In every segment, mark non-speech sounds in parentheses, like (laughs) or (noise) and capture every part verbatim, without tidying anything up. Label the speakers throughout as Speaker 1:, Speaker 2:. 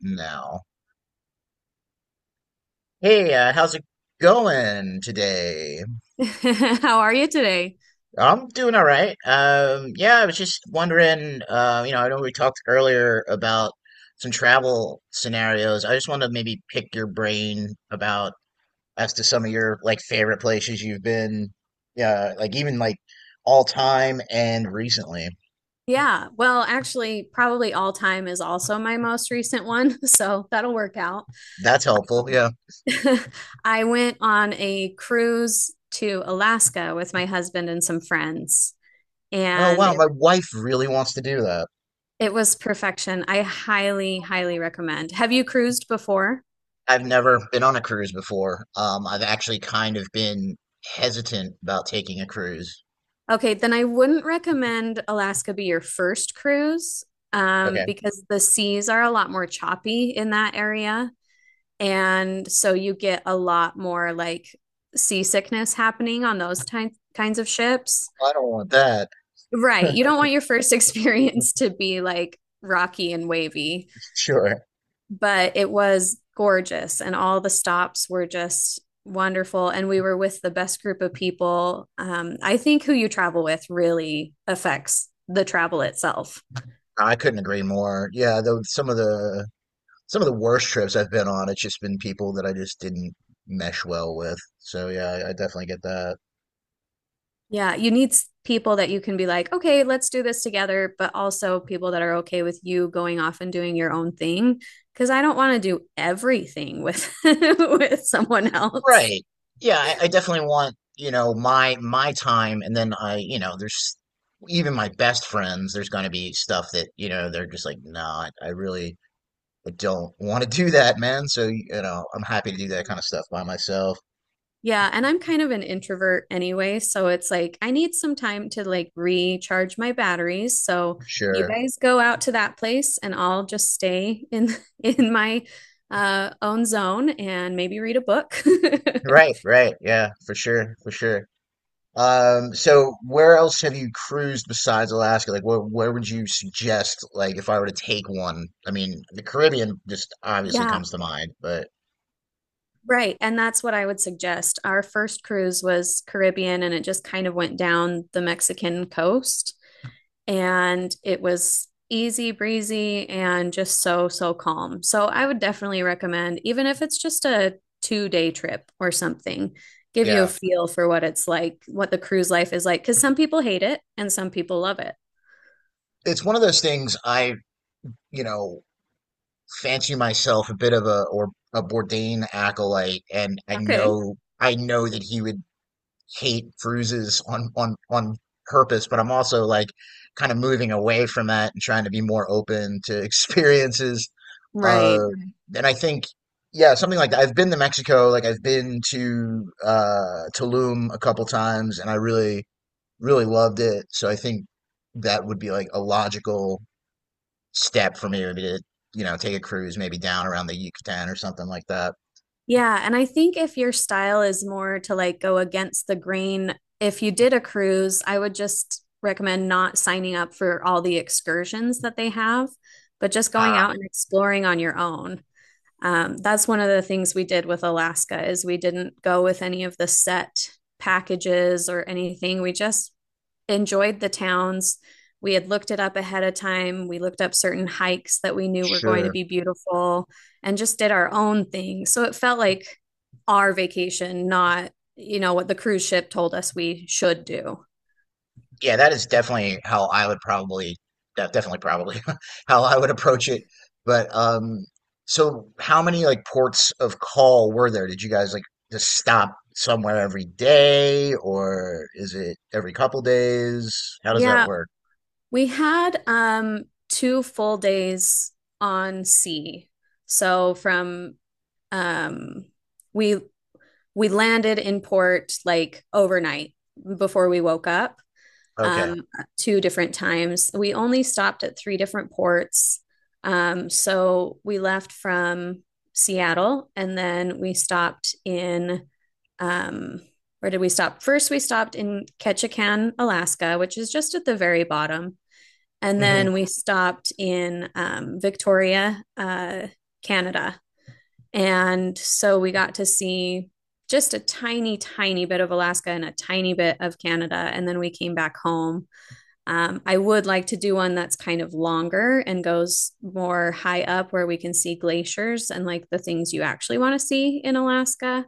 Speaker 1: Now. Hey, uh, how's it going today?
Speaker 2: (laughs) How are you today?
Speaker 1: I'm doing all right. Um, yeah, I was just wondering, uh, you know, I know we talked earlier about some travel scenarios. I just want to maybe pick your brain about as to some of your like favorite places you've been, yeah, like even like all time and recently.
Speaker 2: Yeah, well, actually, probably all time is also my most recent one, (laughs) so that'll work out.
Speaker 1: That's helpful. Yeah.
Speaker 2: (laughs) I went on a cruise to Alaska with my husband and some friends,
Speaker 1: Oh,
Speaker 2: and
Speaker 1: wow,
Speaker 2: it,
Speaker 1: my wife really wants to do that.
Speaker 2: it was perfection. I highly, highly recommend. Have you cruised before?
Speaker 1: I've never been on a cruise before. Um, I've actually kind of been hesitant about taking a cruise.
Speaker 2: Okay, then I wouldn't recommend Alaska be your first cruise, um,
Speaker 1: Okay.
Speaker 2: because the seas are a lot more choppy in that area. And so you get a lot more like seasickness happening on those ty- kinds of ships.
Speaker 1: I don't want that.
Speaker 2: Right. You don't want your first (laughs) experience to be like rocky and wavy,
Speaker 1: Sure.
Speaker 2: but it was gorgeous. And all the stops were just wonderful. And we were with the best group of people. Um, I think who you travel with really affects the travel itself.
Speaker 1: I couldn't agree more. Yeah, though some of the some of the worst trips I've been on, it's just been people that I just didn't mesh well with. So yeah, I, I definitely get that.
Speaker 2: Yeah, you need s- people that you can be like, okay, let's do this together, but also people that are okay with you going off and doing your own thing. Because I don't want to do everything with (laughs) with someone else.
Speaker 1: Right. Yeah, I, I definitely want, you know, my my time, and then I, you know, there's even my best friends, there's gonna be stuff that, you know, they're just like, nah, I I really but don't want to do that, man. So, you know, I'm happy to do that kind of stuff by myself.
Speaker 2: Yeah, and I'm kind of an introvert anyway, so it's like I need some time to like recharge my batteries. So you
Speaker 1: Sure.
Speaker 2: guys go out to that place and I'll just stay in (laughs) in my uh own zone and maybe read a book. (laughs)
Speaker 1: Right, right. Yeah, for sure, for sure. Um, so where else have you cruised besides Alaska? Like, where where would you suggest, like, if I were to take one? I mean, the Caribbean just obviously
Speaker 2: Yeah,
Speaker 1: comes to mind, but
Speaker 2: right. And that's what I would suggest. Our first cruise was Caribbean and it just kind of went down the Mexican coast. And it was easy breezy and just so, so calm. So I would definitely recommend, even if it's just a two day trip or something, give you a
Speaker 1: yeah,
Speaker 2: feel for what it's like, what the cruise life is like, because some people hate it and some people love it.
Speaker 1: it's one of those things I, you know, fancy myself a bit of a or a Bourdain acolyte, and I
Speaker 2: Okay.
Speaker 1: know I know that he would hate bruises on on on purpose, but I'm also like kind of moving away from that and trying to be more open to (laughs) experiences.
Speaker 2: Right.
Speaker 1: Uh, Right. And I think yeah, something like that. I've been to Mexico, like I've been to uh Tulum a couple times, and I really really loved it. So I think that would be like a logical step for me would be to you know take a cruise maybe down around the Yucatan or something like that.
Speaker 2: Yeah, and I think if your style is more to like go against the grain, if you did a cruise, I would just recommend not signing up for all the excursions that they have, but just going
Speaker 1: Ah,
Speaker 2: out and exploring on your own. Um, that's one of the things we did with Alaska is we didn't go with any of the set packages or anything. We just enjoyed the towns. We had looked it up ahead of time. We looked up certain hikes that we knew were going to
Speaker 1: sure.
Speaker 2: be beautiful and just did our own thing. So it felt like our vacation, not, you know, what the cruise ship told us we should do.
Speaker 1: Yeah, that is definitely how I would probably de definitely probably (laughs) how I would approach it. But um so how many like ports of call were there? Did you guys like just stop somewhere every day, or is it every couple days? How does that
Speaker 2: Yeah,
Speaker 1: work?
Speaker 2: we had um two full days on sea. So from um we we landed in port like overnight before we woke up
Speaker 1: Okay.
Speaker 2: um two different times. We only stopped at three different ports. Um so we left from Seattle and then we stopped in um where did we stop? First we stopped in Ketchikan, Alaska, which is just at the very bottom. And
Speaker 1: Hmm.
Speaker 2: then we stopped in um, Victoria, uh, Canada. And so we got to see just a tiny, tiny bit of Alaska and a tiny bit of Canada. And then we came back home. Um, I would like to do one that's kind of longer and goes more high up where we can see glaciers and like the things you actually want to see in Alaska.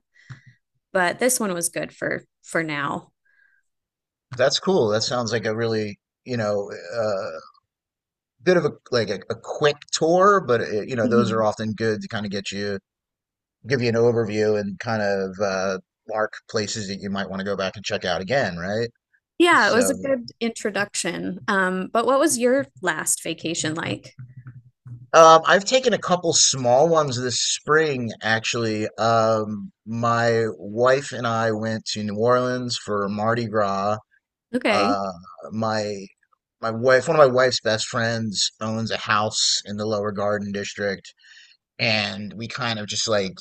Speaker 2: But this one was good for for now.
Speaker 1: That's cool. That sounds like a really, you know, uh bit of a like a, a quick tour, but uh you know, those are
Speaker 2: Mhm.
Speaker 1: often good to kind of get you give you an overview and kind of uh, mark places that you might want to go back and check out again, right?
Speaker 2: Yeah, it was a
Speaker 1: So,
Speaker 2: good introduction. Um, but what was your last vacation like?
Speaker 1: um, I've taken a couple small ones this spring, actually. Um, my wife and I went to New Orleans for Mardi Gras.
Speaker 2: Okay.
Speaker 1: Uh, my my wife, one of my wife's best friends, owns a house in the Lower Garden District, and we kind of just like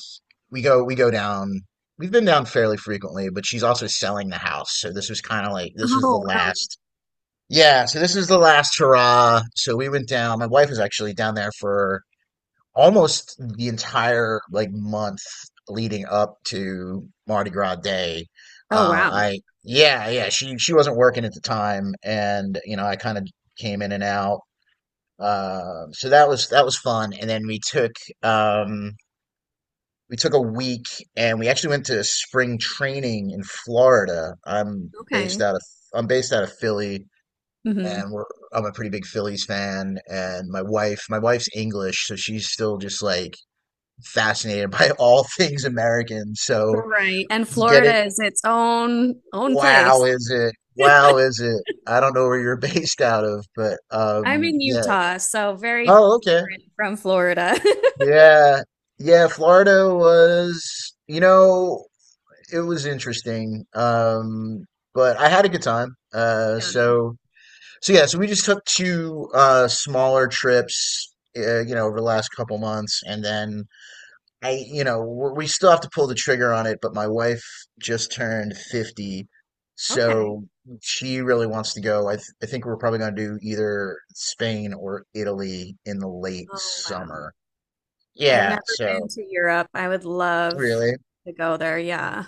Speaker 1: we go we go down, we've been down fairly frequently, but she's also selling the house, so this was kind of like this was the
Speaker 2: Oh, no.
Speaker 1: last, yeah, so this was the last hurrah. So we went down. My wife was actually down there for almost the entire like month leading up to Mardi Gras day.
Speaker 2: Oh,
Speaker 1: uh
Speaker 2: wow.
Speaker 1: I yeah, yeah, she she wasn't working at the time, and you know I kind of came in and out. Uh, so that was that was fun, and then we took um we took a week, and we actually went to spring training in Florida. I'm based
Speaker 2: Okay.
Speaker 1: out of I'm based out of Philly, and
Speaker 2: Hmm.
Speaker 1: we're I'm a pretty big Phillies fan, and my wife my wife's English, so she's still just like fascinated (laughs) by all things American. So
Speaker 2: Right. And
Speaker 1: getting
Speaker 2: Florida is its own own
Speaker 1: wow
Speaker 2: place.
Speaker 1: is it? Wow is it? I don't know where you're (laughs) based out of, but
Speaker 2: I'm
Speaker 1: um
Speaker 2: in
Speaker 1: yeah.
Speaker 2: Utah, so very
Speaker 1: Oh, okay.
Speaker 2: different from Florida. (laughs)
Speaker 1: Yeah. Yeah, Florida was, you know, it was interesting. Um, but I had a good time. Uh,
Speaker 2: Yeah.
Speaker 1: so so yeah, so we just took two uh smaller trips, uh, you know, over the last couple months, and then I, you know, w- we still have to pull the trigger on it. But my wife just turned fifty,
Speaker 2: Okay.
Speaker 1: so she really wants to go. I th I think we're probably going to do either Spain or Italy in the late
Speaker 2: Oh, wow.
Speaker 1: summer.
Speaker 2: I've
Speaker 1: Yeah,
Speaker 2: never been
Speaker 1: so
Speaker 2: to Europe. I would love
Speaker 1: really.
Speaker 2: to go there. Yeah.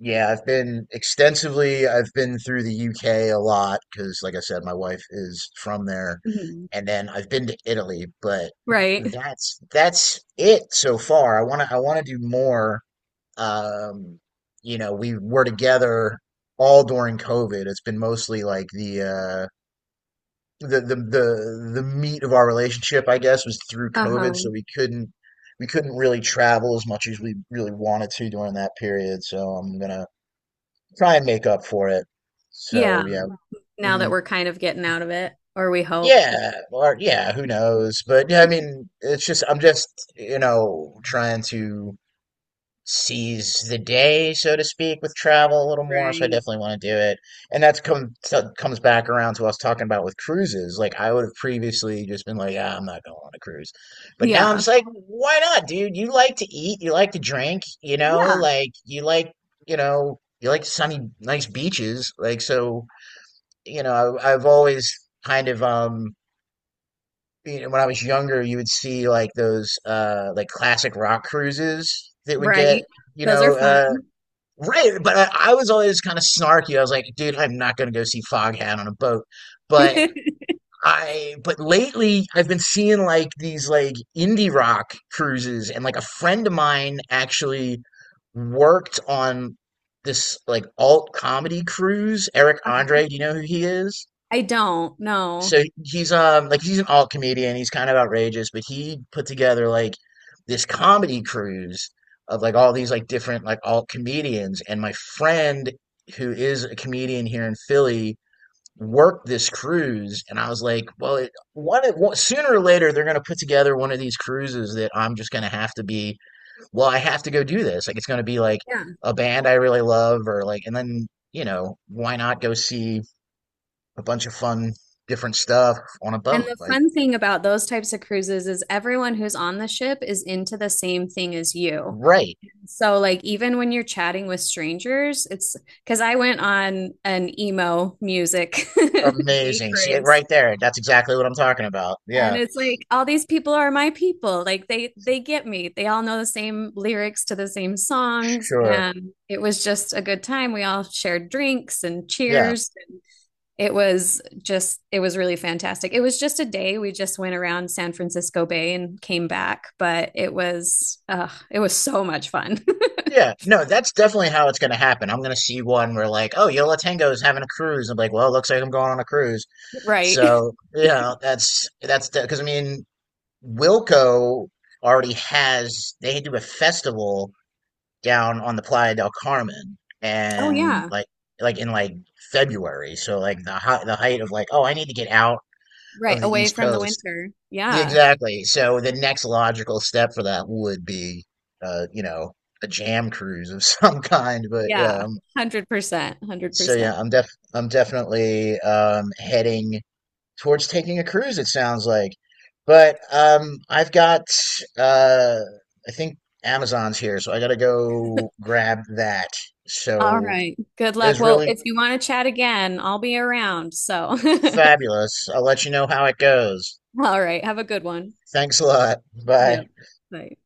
Speaker 1: Yeah, I've been extensively. I've been through the U K a lot because, like I said, my wife is from there,
Speaker 2: Hmm.
Speaker 1: and then I've been to Italy, but
Speaker 2: Right.
Speaker 1: that's that's it so far. I want to I want to do more. Um, you know, we were together all during COVID. It's been mostly like the uh the the the the meat of our relationship, I guess, was through COVID, so
Speaker 2: Uh-huh.
Speaker 1: we couldn't we couldn't really travel as much as we really wanted to during that period. So I'm gonna try and make up for it.
Speaker 2: Yeah.
Speaker 1: So yeah,
Speaker 2: Now
Speaker 1: hmm,
Speaker 2: that we're kind of getting out of it, or we hope.
Speaker 1: yeah, or yeah, who knows? But yeah, I mean, it's just I'm just you know trying to seize the day, so to speak, with travel a little more. So I
Speaker 2: Right.
Speaker 1: definitely want to do it, and that's come so- comes back around to what I was talking about with cruises. Like I would have previously just been like, ah, I'm not going on a cruise, but now I'm
Speaker 2: Yeah.
Speaker 1: just like, why not, dude? You like to eat, you like to drink, you know,
Speaker 2: Yeah.
Speaker 1: like you like you know you like sunny, nice beaches, like so you know, I, I've always kind of um you know, when I was younger, you would see like those uh like classic rock cruises that would get,
Speaker 2: Right.
Speaker 1: you
Speaker 2: Those are
Speaker 1: know,
Speaker 2: fun.
Speaker 1: uh right, but I, I was always kind of snarky. I was like, dude, I'm not gonna go see Foghat on a boat. But
Speaker 2: (laughs)
Speaker 1: I but lately I've been seeing like these like indie rock cruises, and like a friend of mine actually worked on this like alt comedy cruise. Eric
Speaker 2: Uh-huh.
Speaker 1: Andre, do you know who he is?
Speaker 2: I don't know.
Speaker 1: So he's um like he's an alt comedian. He's kind of outrageous, but he put together like this comedy cruise of like all these like different like alt comedians. And my friend who is a comedian here in Philly worked this cruise, and I was like, well, it, one, of- one sooner or later they're gonna put together one of these cruises that I'm just gonna have to be. Well, I have to go do this. Like it's gonna be like
Speaker 2: Yeah.
Speaker 1: a band I really love, or like, and then you know why not go see a bunch of fun, different stuff on a
Speaker 2: And
Speaker 1: boat.
Speaker 2: the
Speaker 1: Like,
Speaker 2: fun thing about those types of cruises is everyone who's on the ship is into the same thing as you.
Speaker 1: right.
Speaker 2: So, like, even when you're chatting with strangers, it's because I went on an emo music (laughs) day
Speaker 1: Amazing. See it
Speaker 2: cruise.
Speaker 1: right there. That's exactly what I'm talking about.
Speaker 2: And
Speaker 1: Yeah.
Speaker 2: it's like all these people are my people. Like they they get me. They all know the same lyrics to the same songs
Speaker 1: Sure.
Speaker 2: and it was just a good time. We all shared drinks and
Speaker 1: Yeah.
Speaker 2: cheers. It was just it was really fantastic. It was just a day. We just went around San Francisco Bay and came back, but it was uh, it was so much fun.
Speaker 1: Yeah. No, that's definitely how it's going to happen. I'm going to see one where, like, oh, Yola Tango is having a cruise. I'm like, well, looks like I'm going on a cruise.
Speaker 2: (laughs) Right.
Speaker 1: So, yeah, that's, that's, because I mean, Wilco already has, they do a festival down on the Playa del Carmen,
Speaker 2: Oh,
Speaker 1: and
Speaker 2: yeah.
Speaker 1: like like in like February. So like the high, the height of like, oh, I need to get out
Speaker 2: Right
Speaker 1: of the
Speaker 2: away
Speaker 1: East
Speaker 2: from the
Speaker 1: Coast.
Speaker 2: winter. Yeah.
Speaker 1: Exactly. So the next logical step for that would be, uh, you know, a jam cruise of (laughs) some kind. But
Speaker 2: Yeah.
Speaker 1: um,
Speaker 2: one hundred percent
Speaker 1: so
Speaker 2: one hundred percent.
Speaker 1: yeah, I'm def I'm definitely um heading towards taking a cruise, it sounds like. But um, I've got, uh, I think Amazon's here, so I gotta go grab that.
Speaker 2: All
Speaker 1: So
Speaker 2: right, good
Speaker 1: it
Speaker 2: luck.
Speaker 1: was
Speaker 2: Well,
Speaker 1: really
Speaker 2: if you want to chat again, I'll be around. So (laughs)
Speaker 1: fabulous. I'll let you know how it goes.
Speaker 2: all right, have a good one.
Speaker 1: Thanks a lot.
Speaker 2: Yeah.
Speaker 1: Bye.
Speaker 2: Bye.